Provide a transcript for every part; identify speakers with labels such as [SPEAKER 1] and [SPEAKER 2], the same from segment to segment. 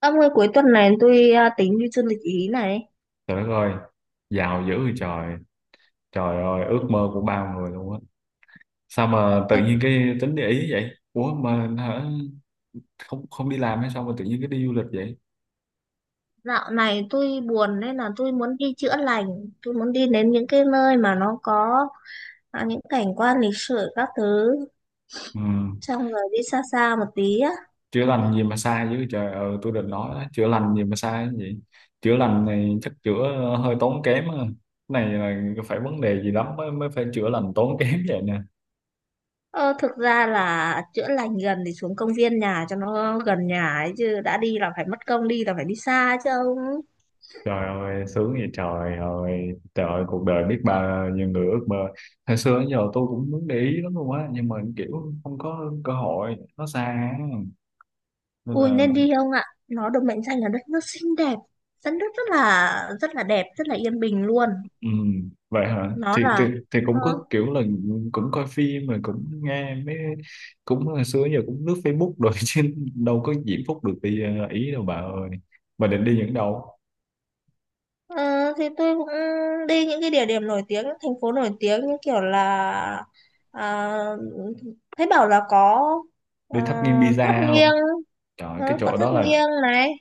[SPEAKER 1] Ông ơi cuối tuần này tôi tính đi du lịch Ý này.
[SPEAKER 2] Trời đất ơi, giàu dữ vậy trời. Trời ơi, ước mơ của bao người luôn á. Sao mà tự
[SPEAKER 1] À,
[SPEAKER 2] nhiên cái tính để ý vậy? Ủa mà hả? Không không đi làm hay sao mà tự nhiên cái đi du lịch vậy?
[SPEAKER 1] dạo này tôi buồn nên là tôi muốn đi chữa lành. Tôi muốn đi đến những cái nơi mà nó có những cảnh quan lịch sử các thứ.
[SPEAKER 2] Ừ.
[SPEAKER 1] Xong rồi đi xa xa một tí á.
[SPEAKER 2] Chữa lành gì mà sai dữ trời. Ừ, tôi định nói đó, chữa lành gì mà sai vậy? Chữa lành này chắc chữa hơi tốn kém á. Cái này là phải vấn đề gì lắm mới mới phải chữa lành tốn kém vậy nè.
[SPEAKER 1] Ờ, thực ra là chữa lành gần thì xuống công viên nhà cho nó gần nhà ấy, chứ đã đi là phải mất công, đi là phải đi xa chứ ông.
[SPEAKER 2] Trời ơi, sướng vậy trời ơi, cuộc đời biết bao nhiêu người ước mơ. Hồi xưa đến giờ tôi cũng muốn để ý lắm luôn á, nhưng mà kiểu không có cơ hội, nó xa á. Nên
[SPEAKER 1] Ui
[SPEAKER 2] là,
[SPEAKER 1] nên đi không ạ? Nó được mệnh danh là đất nước xinh đẹp. Đất nước rất là đẹp, rất là yên bình luôn.
[SPEAKER 2] ừ, vậy hả?
[SPEAKER 1] Nó
[SPEAKER 2] Thì, thì,
[SPEAKER 1] là
[SPEAKER 2] thì cũng
[SPEAKER 1] ờ,
[SPEAKER 2] có kiểu là cũng coi phim rồi cũng nghe mấy, cũng hồi xưa đến giờ cũng lướt Facebook rồi chứ đâu có diễm phúc được đi Ý đâu bà ơi. Bà định đi những đâu?
[SPEAKER 1] Ờ, thì tôi cũng đi những cái địa điểm nổi tiếng, những thành phố nổi tiếng như kiểu là à, thấy bảo là có ờ,
[SPEAKER 2] Đi thắp nghiêng
[SPEAKER 1] tháp
[SPEAKER 2] pizza không?
[SPEAKER 1] nghiêng,
[SPEAKER 2] Trời, cái
[SPEAKER 1] có
[SPEAKER 2] chỗ
[SPEAKER 1] tháp
[SPEAKER 2] đó là.
[SPEAKER 1] nghiêng này.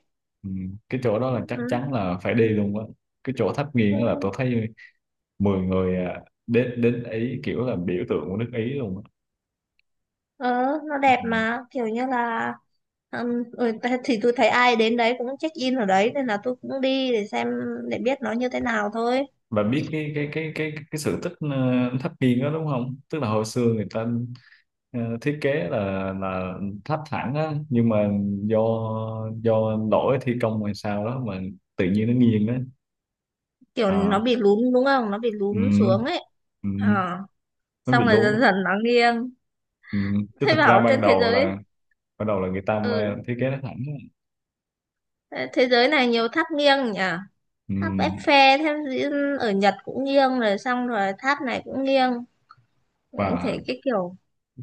[SPEAKER 2] Ừ, cái chỗ đó là chắc
[SPEAKER 1] Ừ,
[SPEAKER 2] chắn là phải đi luôn á, cái chỗ tháp
[SPEAKER 1] ừ,
[SPEAKER 2] nghiêng là tôi thấy 10 người, à, đến đến Ý kiểu là biểu tượng của nước Ý luôn á,
[SPEAKER 1] ờ, nó
[SPEAKER 2] ừ.
[SPEAKER 1] đẹp mà kiểu như là thì tôi thấy ai đến đấy cũng check in ở đấy nên là tôi cũng đi để xem, để biết nó như thế nào thôi.
[SPEAKER 2] Và biết cái sự tích tháp nghiêng đó đúng không, tức là hồi xưa người ta thiết kế là tháp thẳng á, nhưng mà do do lỗi thi công hay sao đó mà tự nhiên nó nghiêng đó,
[SPEAKER 1] Kiểu nó
[SPEAKER 2] à,
[SPEAKER 1] bị lún đúng không? Nó bị
[SPEAKER 2] ừ,
[SPEAKER 1] lún xuống ấy.
[SPEAKER 2] ừ,
[SPEAKER 1] Ờ,
[SPEAKER 2] nó bị
[SPEAKER 1] xong rồi dần
[SPEAKER 2] lún,
[SPEAKER 1] dần nó nghiêng.
[SPEAKER 2] ừ. Chứ
[SPEAKER 1] Thấy
[SPEAKER 2] thực ra
[SPEAKER 1] bảo trên
[SPEAKER 2] ban đầu là ban đầu là người ta
[SPEAKER 1] ừ,
[SPEAKER 2] thiết kế nó thẳng.
[SPEAKER 1] thế giới này nhiều tháp nghiêng nhỉ. Tháp
[SPEAKER 2] Ừm,
[SPEAKER 1] Eiffel, ở Nhật cũng nghiêng, rồi xong rồi tháp này cũng nghiêng.
[SPEAKER 2] và
[SPEAKER 1] Thấy cái kiểu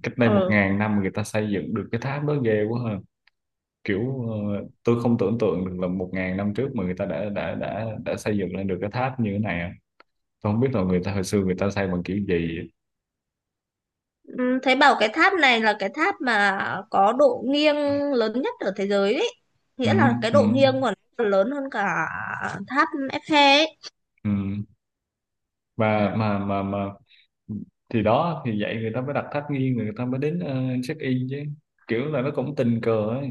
[SPEAKER 2] cách đây một
[SPEAKER 1] ờ
[SPEAKER 2] ngàn năm người ta xây dựng được cái tháp đó, ghê quá ha, kiểu tôi không tưởng tượng được là 1.000 năm trước mà người ta đã xây dựng lên được cái tháp như thế này á. Tôi không biết là người ta hồi xưa người ta xây bằng kiểu gì.
[SPEAKER 1] ừ, Thấy bảo cái tháp này là cái tháp mà có độ nghiêng lớn nhất ở thế giới ấy, nghĩa là
[SPEAKER 2] Ừm,
[SPEAKER 1] cái độ
[SPEAKER 2] ừm,
[SPEAKER 1] nghiêng của nó còn lớn hơn cả tháp Eiffel ấy.
[SPEAKER 2] ừm. Và mà thì đó thì vậy người ta mới đặt tháp nghiêng, người ta mới đến check in chứ, kiểu là nó cũng tình cờ ấy,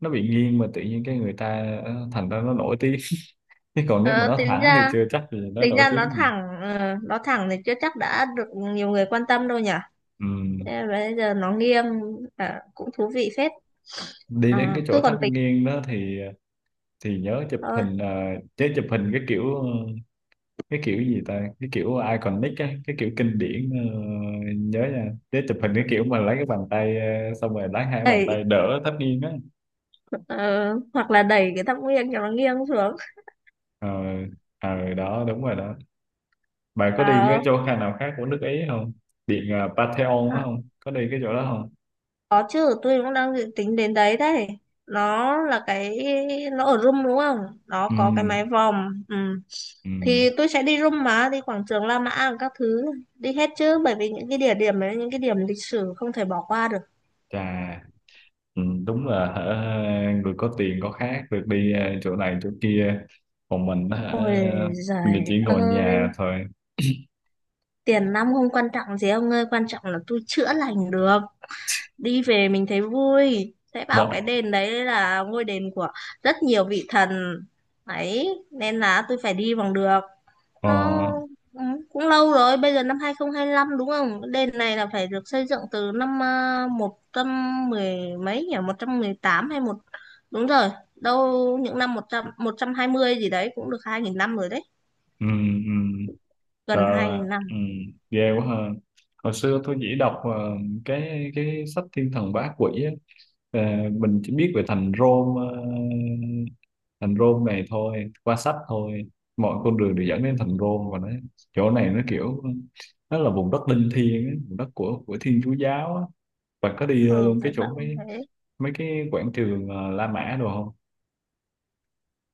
[SPEAKER 2] nó bị nghiêng mà tự nhiên cái người ta thành ra nó nổi tiếng, chứ còn nếu mà
[SPEAKER 1] ờ,
[SPEAKER 2] nó
[SPEAKER 1] tính
[SPEAKER 2] thẳng thì
[SPEAKER 1] ra
[SPEAKER 2] chưa chắc gì nó
[SPEAKER 1] tính
[SPEAKER 2] nổi
[SPEAKER 1] ra nó
[SPEAKER 2] tiếng,
[SPEAKER 1] thẳng. Ờ, nó thẳng thì chưa chắc đã được nhiều người quan tâm đâu nhỉ.
[SPEAKER 2] ừ.
[SPEAKER 1] Thế mà bây giờ nó nghiêng, cũng thú vị phết.
[SPEAKER 2] Đi đến
[SPEAKER 1] À,
[SPEAKER 2] cái chỗ
[SPEAKER 1] tôi còn
[SPEAKER 2] tháp
[SPEAKER 1] tính
[SPEAKER 2] nghiêng đó thì nhớ chụp hình, chứ chụp hình cái kiểu, cái kiểu gì ta, cái kiểu iconic á, cái kiểu kinh điển, nhớ nha, chứ chụp hình cái kiểu mà lấy cái bàn tay, xong rồi lấy hai cái bàn
[SPEAKER 1] thôi.
[SPEAKER 2] tay đỡ tháp nghiêng á.
[SPEAKER 1] Ờ, hoặc là đẩy cái tháp nghiêng cho nó nghiêng xuống.
[SPEAKER 2] Ờ, đó đúng rồi đó. Bạn có đi
[SPEAKER 1] À,
[SPEAKER 2] cái chỗ khác nào khác của nước Ý không, điện Pantheon
[SPEAKER 1] à,
[SPEAKER 2] đó không, có đi cái chỗ đó không?
[SPEAKER 1] có chứ, tôi cũng đang dự tính đến đấy đấy. Nó là cái, nó ở room đúng không, nó
[SPEAKER 2] Ừ,
[SPEAKER 1] có cái mái vòm. Ừ,
[SPEAKER 2] ừ,
[SPEAKER 1] thì tôi sẽ đi room mà đi quảng trường La Mã các thứ, đi hết chứ, bởi vì những cái địa điểm đấy, những cái điểm lịch sử không thể bỏ qua được.
[SPEAKER 2] chà. Ừ, đúng là hả, người có tiền có khác, được đi chỗ này chỗ kia, còn mình hả,
[SPEAKER 1] Ôi
[SPEAKER 2] người
[SPEAKER 1] giời
[SPEAKER 2] chỉ ngồi
[SPEAKER 1] ơi,
[SPEAKER 2] nhà thôi.
[SPEAKER 1] tiền nong không quan trọng gì ông ơi, quan trọng là tôi chữa lành được. Đi về mình thấy vui, sẽ bảo
[SPEAKER 2] Mọi
[SPEAKER 1] cái đền đấy là ngôi đền của rất nhiều vị thần ấy, nên là tôi phải đi bằng được
[SPEAKER 2] ờ,
[SPEAKER 1] nó. Ừ, cũng lâu rồi, bây giờ năm 2025 đúng không, đền này là phải được xây dựng từ năm một trăm mười mấy nhỉ, 118 hay một, đúng rồi, đâu những năm 100, 120 gì đấy, cũng được 2.000 năm rồi đấy,
[SPEAKER 2] ừ, ừ.
[SPEAKER 1] gần hai
[SPEAKER 2] Trời,
[SPEAKER 1] nghìn
[SPEAKER 2] ừ,
[SPEAKER 1] năm.
[SPEAKER 2] ghê quá ha. Hồi xưa tôi chỉ đọc cái sách Thiên Thần Bá Quỷ á. Ờ, mình chỉ biết về thành Rôm, thành Rôm này thôi, qua sách thôi. Mọi con đường đều dẫn đến thành Rôm, và nó, chỗ này nó kiểu, nó là vùng đất linh thiêng á, vùng đất của Thiên Chúa giáo á. Bạn có đi
[SPEAKER 1] Ừ,
[SPEAKER 2] luôn cái
[SPEAKER 1] thấy
[SPEAKER 2] chỗ
[SPEAKER 1] bảo
[SPEAKER 2] mấy
[SPEAKER 1] thế.
[SPEAKER 2] mấy cái quảng trường La Mã đồ không?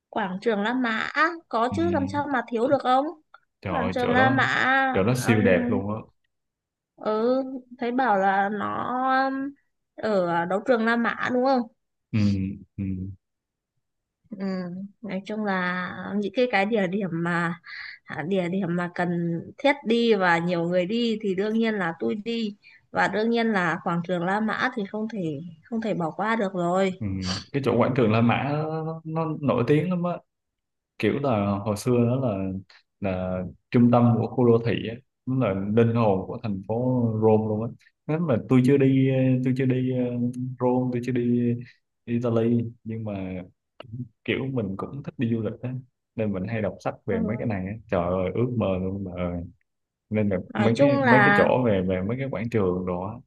[SPEAKER 1] Quảng trường La Mã có
[SPEAKER 2] Ừ,
[SPEAKER 1] chứ, làm sao mà thiếu được ông.
[SPEAKER 2] trời
[SPEAKER 1] Quảng
[SPEAKER 2] ơi,
[SPEAKER 1] trường
[SPEAKER 2] chỗ
[SPEAKER 1] La
[SPEAKER 2] đó,
[SPEAKER 1] Mã,
[SPEAKER 2] chỗ đó siêu đẹp
[SPEAKER 1] um,
[SPEAKER 2] luôn á.
[SPEAKER 1] ừ, thấy bảo là nó um, ở đấu trường La Mã đúng không.
[SPEAKER 2] Ừ, ừ.
[SPEAKER 1] Ừ, nói chung là những cái địa điểm mà địa điểm mà cần thiết đi và nhiều người đi thì đương nhiên là tôi đi, và đương nhiên là quảng trường La Mã thì không thể không thể bỏ qua được rồi.
[SPEAKER 2] Ừ. Cái chỗ quảng trường La Mã nó nổi tiếng lắm á, kiểu là hồi xưa đó là trung tâm của khu đô thị á, nó là linh hồn của thành phố Rome luôn á. Nếu mà tôi chưa đi, tôi chưa đi Rome, tôi chưa đi Italy, nhưng mà kiểu mình cũng thích đi du lịch á, nên mình hay đọc sách
[SPEAKER 1] Ừ.
[SPEAKER 2] về mấy cái này á, trời ơi, ước mơ luôn bà ơi. Nên là
[SPEAKER 1] Nói
[SPEAKER 2] mấy cái
[SPEAKER 1] chung
[SPEAKER 2] mấy cái
[SPEAKER 1] là
[SPEAKER 2] chỗ về về mấy cái quảng trường đó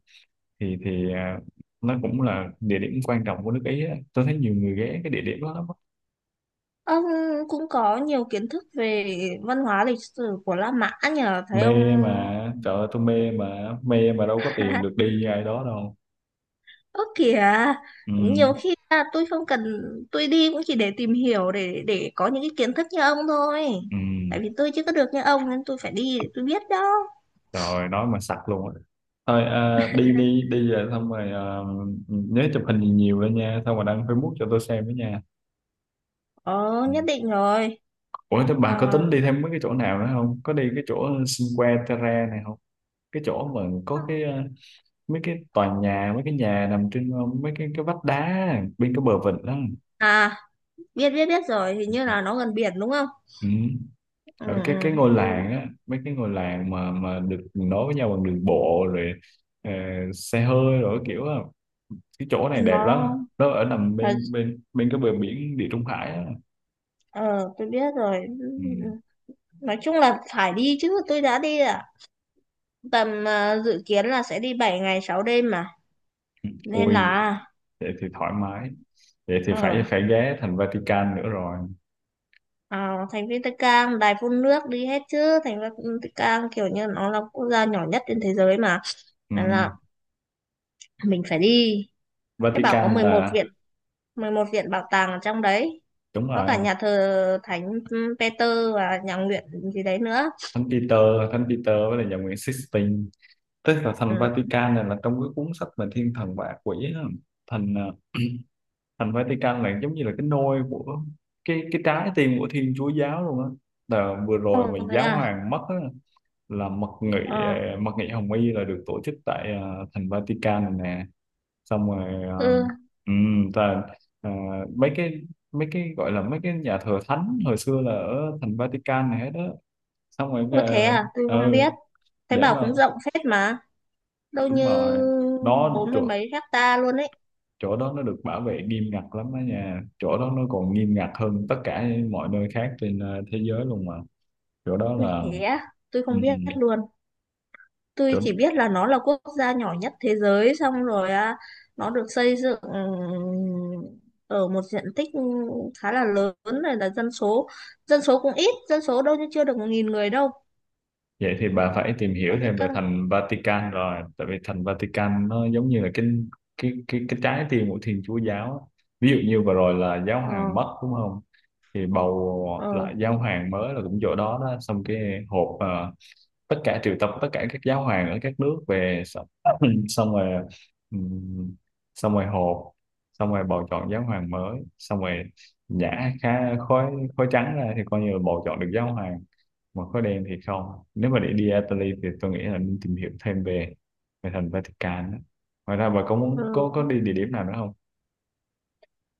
[SPEAKER 2] thì nó cũng là địa điểm quan trọng của nước Ý á. Tôi thấy nhiều người ghé cái địa điểm đó lắm á.
[SPEAKER 1] ông cũng có nhiều kiến thức về văn hóa lịch sử của La Mã nhờ thấy ông.
[SPEAKER 2] Mê mà, trời ơi tôi mê mà, mê mà đâu có tiền được đi như ai đó đâu.
[SPEAKER 1] Ớ kìa,
[SPEAKER 2] Ừ,
[SPEAKER 1] nhiều khi là tôi không cần, tôi đi cũng chỉ để tìm hiểu, để có những cái kiến thức như ông thôi.
[SPEAKER 2] ừ.
[SPEAKER 1] Tại vì tôi chưa có được như ông nên tôi phải đi để tôi biết đó.
[SPEAKER 2] Trời ơi, nói mà sặc luôn á. Thôi à, đi đi, đi về xong rồi à, nhớ chụp hình nhiều nhiều lên nha, xong rồi đăng Facebook cho tôi xem với nha.
[SPEAKER 1] Ờ,
[SPEAKER 2] Ừ.
[SPEAKER 1] nhất định rồi.
[SPEAKER 2] Ủa thế bà có
[SPEAKER 1] Ờ,
[SPEAKER 2] tính đi thêm mấy cái chỗ nào nữa không, có đi cái chỗ Cinque Terre này không, cái chỗ mà có cái mấy cái tòa nhà, mấy cái nhà nằm trên mấy cái vách đá bên cái bờ vịnh đó,
[SPEAKER 1] à, biết biết biết rồi, hình như là nó gần biển đúng không.
[SPEAKER 2] ừ.
[SPEAKER 1] Ừ,
[SPEAKER 2] Ở cái
[SPEAKER 1] ừ,
[SPEAKER 2] cái ngôi
[SPEAKER 1] tôi.
[SPEAKER 2] làng á, mấy cái ngôi làng mà được nối với nhau bằng đường bộ rồi ờ, xe hơi rồi kiểu á, cái chỗ này đẹp lắm,
[SPEAKER 1] Nó.
[SPEAKER 2] nó ở nằm
[SPEAKER 1] Ờ,
[SPEAKER 2] bên bên bên cái bờ biển Địa Trung Hải á,
[SPEAKER 1] ờ, tôi biết rồi. Ừ,
[SPEAKER 2] ừ.
[SPEAKER 1] ừ. Nói chung là phải đi chứ, tôi đã đi tầm dự kiến là sẽ đi 7 ngày 6 đêm mà, nên
[SPEAKER 2] Ui
[SPEAKER 1] là.
[SPEAKER 2] vậy thì thoải mái, vậy thì phải
[SPEAKER 1] Ờ,
[SPEAKER 2] phải ghé thành Vatican nữa rồi,
[SPEAKER 1] thành Vatican, đài phun nước, đi hết chứ. Thành Vatican kiểu như nó là quốc gia nhỏ nhất trên thế giới mà,
[SPEAKER 2] ừ.
[SPEAKER 1] nên là mình phải đi. Thế bảo có
[SPEAKER 2] Vatican
[SPEAKER 1] 11 viện,
[SPEAKER 2] là
[SPEAKER 1] 11 viện bảo tàng ở trong đấy,
[SPEAKER 2] đúng
[SPEAKER 1] có cả
[SPEAKER 2] rồi,
[SPEAKER 1] nhà thờ Thánh Peter và nhà nguyện gì đấy nữa.
[SPEAKER 2] Thánh Peter, Thánh Peter với là nhà Nguyễn Sixtine, tức là thành
[SPEAKER 1] Ừ.
[SPEAKER 2] Vatican này là trong cái cuốn sách về thiên thần và ác quỷ á. Thành thành Vatican này giống như là cái nôi của cái trái tim của Thiên Chúa giáo luôn á. Là vừa
[SPEAKER 1] Ồ
[SPEAKER 2] rồi mà
[SPEAKER 1] thế
[SPEAKER 2] giáo
[SPEAKER 1] à.
[SPEAKER 2] hoàng mất á, là mật nghị,
[SPEAKER 1] Ờ.
[SPEAKER 2] mật nghị Hồng Y là được tổ chức tại thành Vatican này nè, xong rồi
[SPEAKER 1] Ừ,
[SPEAKER 2] ta, ờ, mấy cái mấy cái gọi là mấy cái nhà thờ thánh hồi xưa là ở thành Vatican này hết đó, xong rồi
[SPEAKER 1] có thế à, tôi không
[SPEAKER 2] ừ
[SPEAKER 1] biết, thấy
[SPEAKER 2] để
[SPEAKER 1] bảo
[SPEAKER 2] mà
[SPEAKER 1] cũng rộng phết mà, đâu
[SPEAKER 2] đúng
[SPEAKER 1] như
[SPEAKER 2] rồi, nó
[SPEAKER 1] bốn mươi
[SPEAKER 2] trời,
[SPEAKER 1] mấy hecta luôn ấy.
[SPEAKER 2] chỗ đó nó được bảo vệ nghiêm ngặt lắm đó nha, chỗ đó nó còn nghiêm ngặt hơn tất cả mọi nơi khác trên thế giới luôn mà, chỗ đó
[SPEAKER 1] Ui
[SPEAKER 2] là
[SPEAKER 1] thế á, tôi
[SPEAKER 2] ừ,
[SPEAKER 1] không
[SPEAKER 2] ừ,
[SPEAKER 1] biết luôn. Tôi
[SPEAKER 2] chỗ.
[SPEAKER 1] chỉ biết là nó là quốc gia nhỏ nhất thế giới, xong rồi nó được xây dựng, ở một diện tích khá là lớn, này là dân số, dân số cũng ít, dân số đâu như chưa được 1.000 người đâu.
[SPEAKER 2] Vậy thì bà phải tìm hiểu
[SPEAKER 1] Vẫn thế
[SPEAKER 2] thêm về
[SPEAKER 1] căng.
[SPEAKER 2] thành Vatican rồi, tại vì thành Vatican nó giống như là cái trái tim của Thiên Chúa giáo á. Ví dụ như vừa rồi là giáo
[SPEAKER 1] Ờ.
[SPEAKER 2] hoàng mất đúng không, thì bầu
[SPEAKER 1] Ờ.
[SPEAKER 2] lại giáo hoàng mới là cũng chỗ đó đó, xong cái hộp tất cả triệu tập tất cả các giáo hoàng ở các nước về xong, xong rồi ừm, xong rồi họp, xong rồi bầu chọn giáo hoàng mới, xong rồi nhả khá khói, khói trắng ra thì coi như là bầu chọn được giáo hoàng, mà khói đen thì không. Nếu mà để đi Italy thì tôi nghĩ là nên tìm hiểu thêm về về thành Vatican á. Ngoài ra bà có
[SPEAKER 1] Ừ.
[SPEAKER 2] muốn, có đi địa điểm nào nữa không?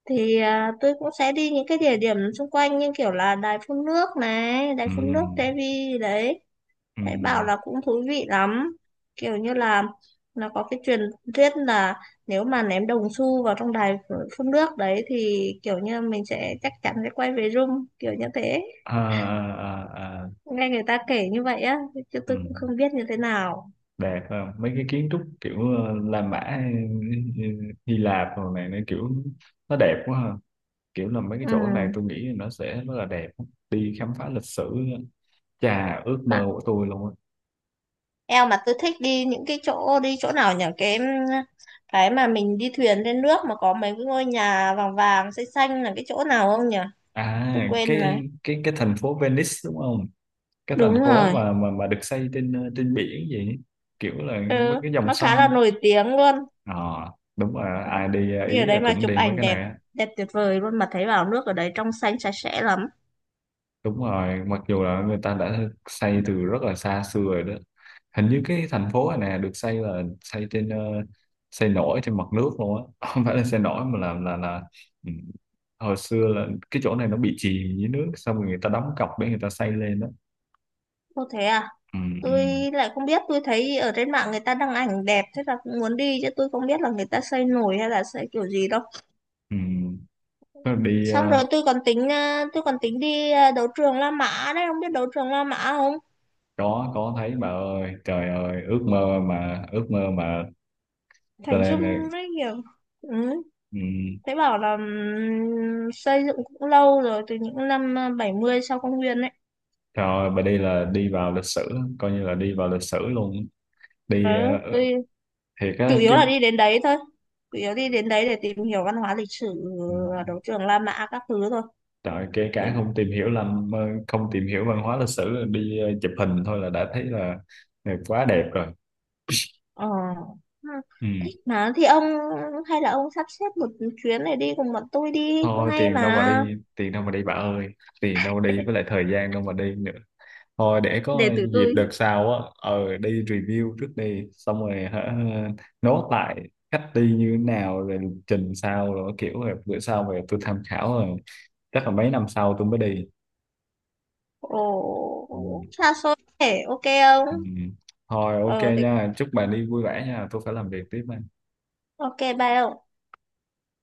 [SPEAKER 1] Thì tôi cũng sẽ đi những cái địa điểm xung quanh như kiểu là đài phun nước này, đài phun nước
[SPEAKER 2] Ừm,
[SPEAKER 1] Devi đấy, thấy bảo
[SPEAKER 2] ừm,
[SPEAKER 1] là cũng thú vị lắm, kiểu như là nó có cái truyền thuyết là nếu mà ném đồng xu vào trong đài phun nước đấy thì kiểu như mình sẽ chắc chắn sẽ quay về rung, kiểu như thế.
[SPEAKER 2] à, à, à, à,
[SPEAKER 1] Nghe người ta kể như vậy á, chứ tôi cũng
[SPEAKER 2] ừm.
[SPEAKER 1] không biết như thế nào.
[SPEAKER 2] Đẹp không, mấy cái kiến trúc kiểu La Mã hay ờ, Hy Lạp rồi này, nó kiểu nó đẹp quá ha, kiểu là mấy cái chỗ này tôi
[SPEAKER 1] Ừ,
[SPEAKER 2] nghĩ nó sẽ rất là đẹp, đi khám phá lịch sử, chà, ước mơ
[SPEAKER 1] mà
[SPEAKER 2] của tôi luôn á.
[SPEAKER 1] eo, mà tôi thích đi những cái chỗ, đi chỗ nào nhỉ, cái mà mình đi thuyền lên nước mà có mấy cái ngôi nhà vàng vàng xanh xanh là cái chỗ nào không nhỉ. Tôi quên rồi.
[SPEAKER 2] Cái thành phố Venice đúng không, cái thành
[SPEAKER 1] Đúng
[SPEAKER 2] phố
[SPEAKER 1] rồi.
[SPEAKER 2] mà được xây trên trên biển vậy, kiểu là
[SPEAKER 1] Ừ.
[SPEAKER 2] mấy cái dòng
[SPEAKER 1] Nó khá là
[SPEAKER 2] sông.
[SPEAKER 1] nổi tiếng luôn.
[SPEAKER 2] Ờ, đúng rồi, ai đi
[SPEAKER 1] Đi ở
[SPEAKER 2] Ý là
[SPEAKER 1] đấy mà
[SPEAKER 2] cũng
[SPEAKER 1] chụp
[SPEAKER 2] đi mấy
[SPEAKER 1] ảnh
[SPEAKER 2] cái
[SPEAKER 1] đẹp,
[SPEAKER 2] này á.
[SPEAKER 1] đẹp tuyệt vời luôn, mà thấy bảo nước ở đấy trong xanh sạch sẽ lắm.
[SPEAKER 2] Đúng rồi, mặc dù là người ta đã xây từ rất là xa xưa rồi đó. Hình như cái thành phố này nè được xây là xây trên xây nổi trên mặt nước luôn á, không phải là xây nổi mà là ừ, hồi xưa là cái chỗ này nó bị chìm dưới nước, xong rồi người ta đóng cọc để người ta xây lên đó.
[SPEAKER 1] Ô thế à,
[SPEAKER 2] Ừ, ừ,
[SPEAKER 1] tôi lại không biết, tôi thấy ở trên mạng người ta đăng ảnh đẹp thế là cũng muốn đi, chứ tôi không biết là người ta xây nổi hay là xây kiểu gì đâu.
[SPEAKER 2] ừ. Tôi đi
[SPEAKER 1] Xong rồi tôi còn tính, tôi còn tính đi, đấu trường La Mã đấy, không biết đấu trường La Mã không.
[SPEAKER 2] có thấy bà ơi, trời ơi, ước mơ mà, ước mơ mà, cho
[SPEAKER 1] Thành
[SPEAKER 2] nên là
[SPEAKER 1] Dung rất nhiều. Ừ,
[SPEAKER 2] ừ,
[SPEAKER 1] thế bảo là xây dựng cũng lâu rồi, từ những năm 70 sau công nguyên đấy.
[SPEAKER 2] trời ơi, bà đi là đi vào lịch sử, coi như là đi vào lịch sử luôn,
[SPEAKER 1] Ừ,
[SPEAKER 2] đi ờ,
[SPEAKER 1] tôi
[SPEAKER 2] thì
[SPEAKER 1] chủ
[SPEAKER 2] cái
[SPEAKER 1] yếu là
[SPEAKER 2] cái
[SPEAKER 1] đi đến đấy thôi, chủ yếu đi đến đấy để tìm hiểu văn hóa lịch sử,
[SPEAKER 2] ừ,
[SPEAKER 1] ờ, đấu trường La Mã các thứ thôi.
[SPEAKER 2] trời, kể
[SPEAKER 1] Thế.
[SPEAKER 2] cả không tìm hiểu làm không tìm hiểu văn hóa lịch sử, đi chụp hình thôi là đã thấy là quá đẹp rồi,
[SPEAKER 1] Ờ, ừ,
[SPEAKER 2] ừ.
[SPEAKER 1] thích mà thì ông, hay là ông sắp xếp một chuyến này đi cùng bọn tôi đi cũng
[SPEAKER 2] Thôi
[SPEAKER 1] hay
[SPEAKER 2] tiền đâu mà
[SPEAKER 1] mà.
[SPEAKER 2] đi, tiền đâu mà đi bà ơi, tiền đâu mà đi, với lại thời gian đâu mà đi nữa. Thôi để
[SPEAKER 1] Để
[SPEAKER 2] có
[SPEAKER 1] tụi
[SPEAKER 2] dịp
[SPEAKER 1] tôi.
[SPEAKER 2] đợt sau á, đi review trước đi, xong rồi hả, nốt lại cách đi như thế nào rồi, trình sao rồi kiểu, rồi bữa sau về tôi tham khảo, rồi chắc là mấy năm sau tôi mới đi,
[SPEAKER 1] Ồ
[SPEAKER 2] ừ.
[SPEAKER 1] xa xôi thế, ok
[SPEAKER 2] Ừ.
[SPEAKER 1] không.
[SPEAKER 2] Thôi ok
[SPEAKER 1] Ờ thì
[SPEAKER 2] nha, chúc bạn đi vui vẻ nha, tôi phải làm việc tiếp đây.
[SPEAKER 1] ok, bye ông.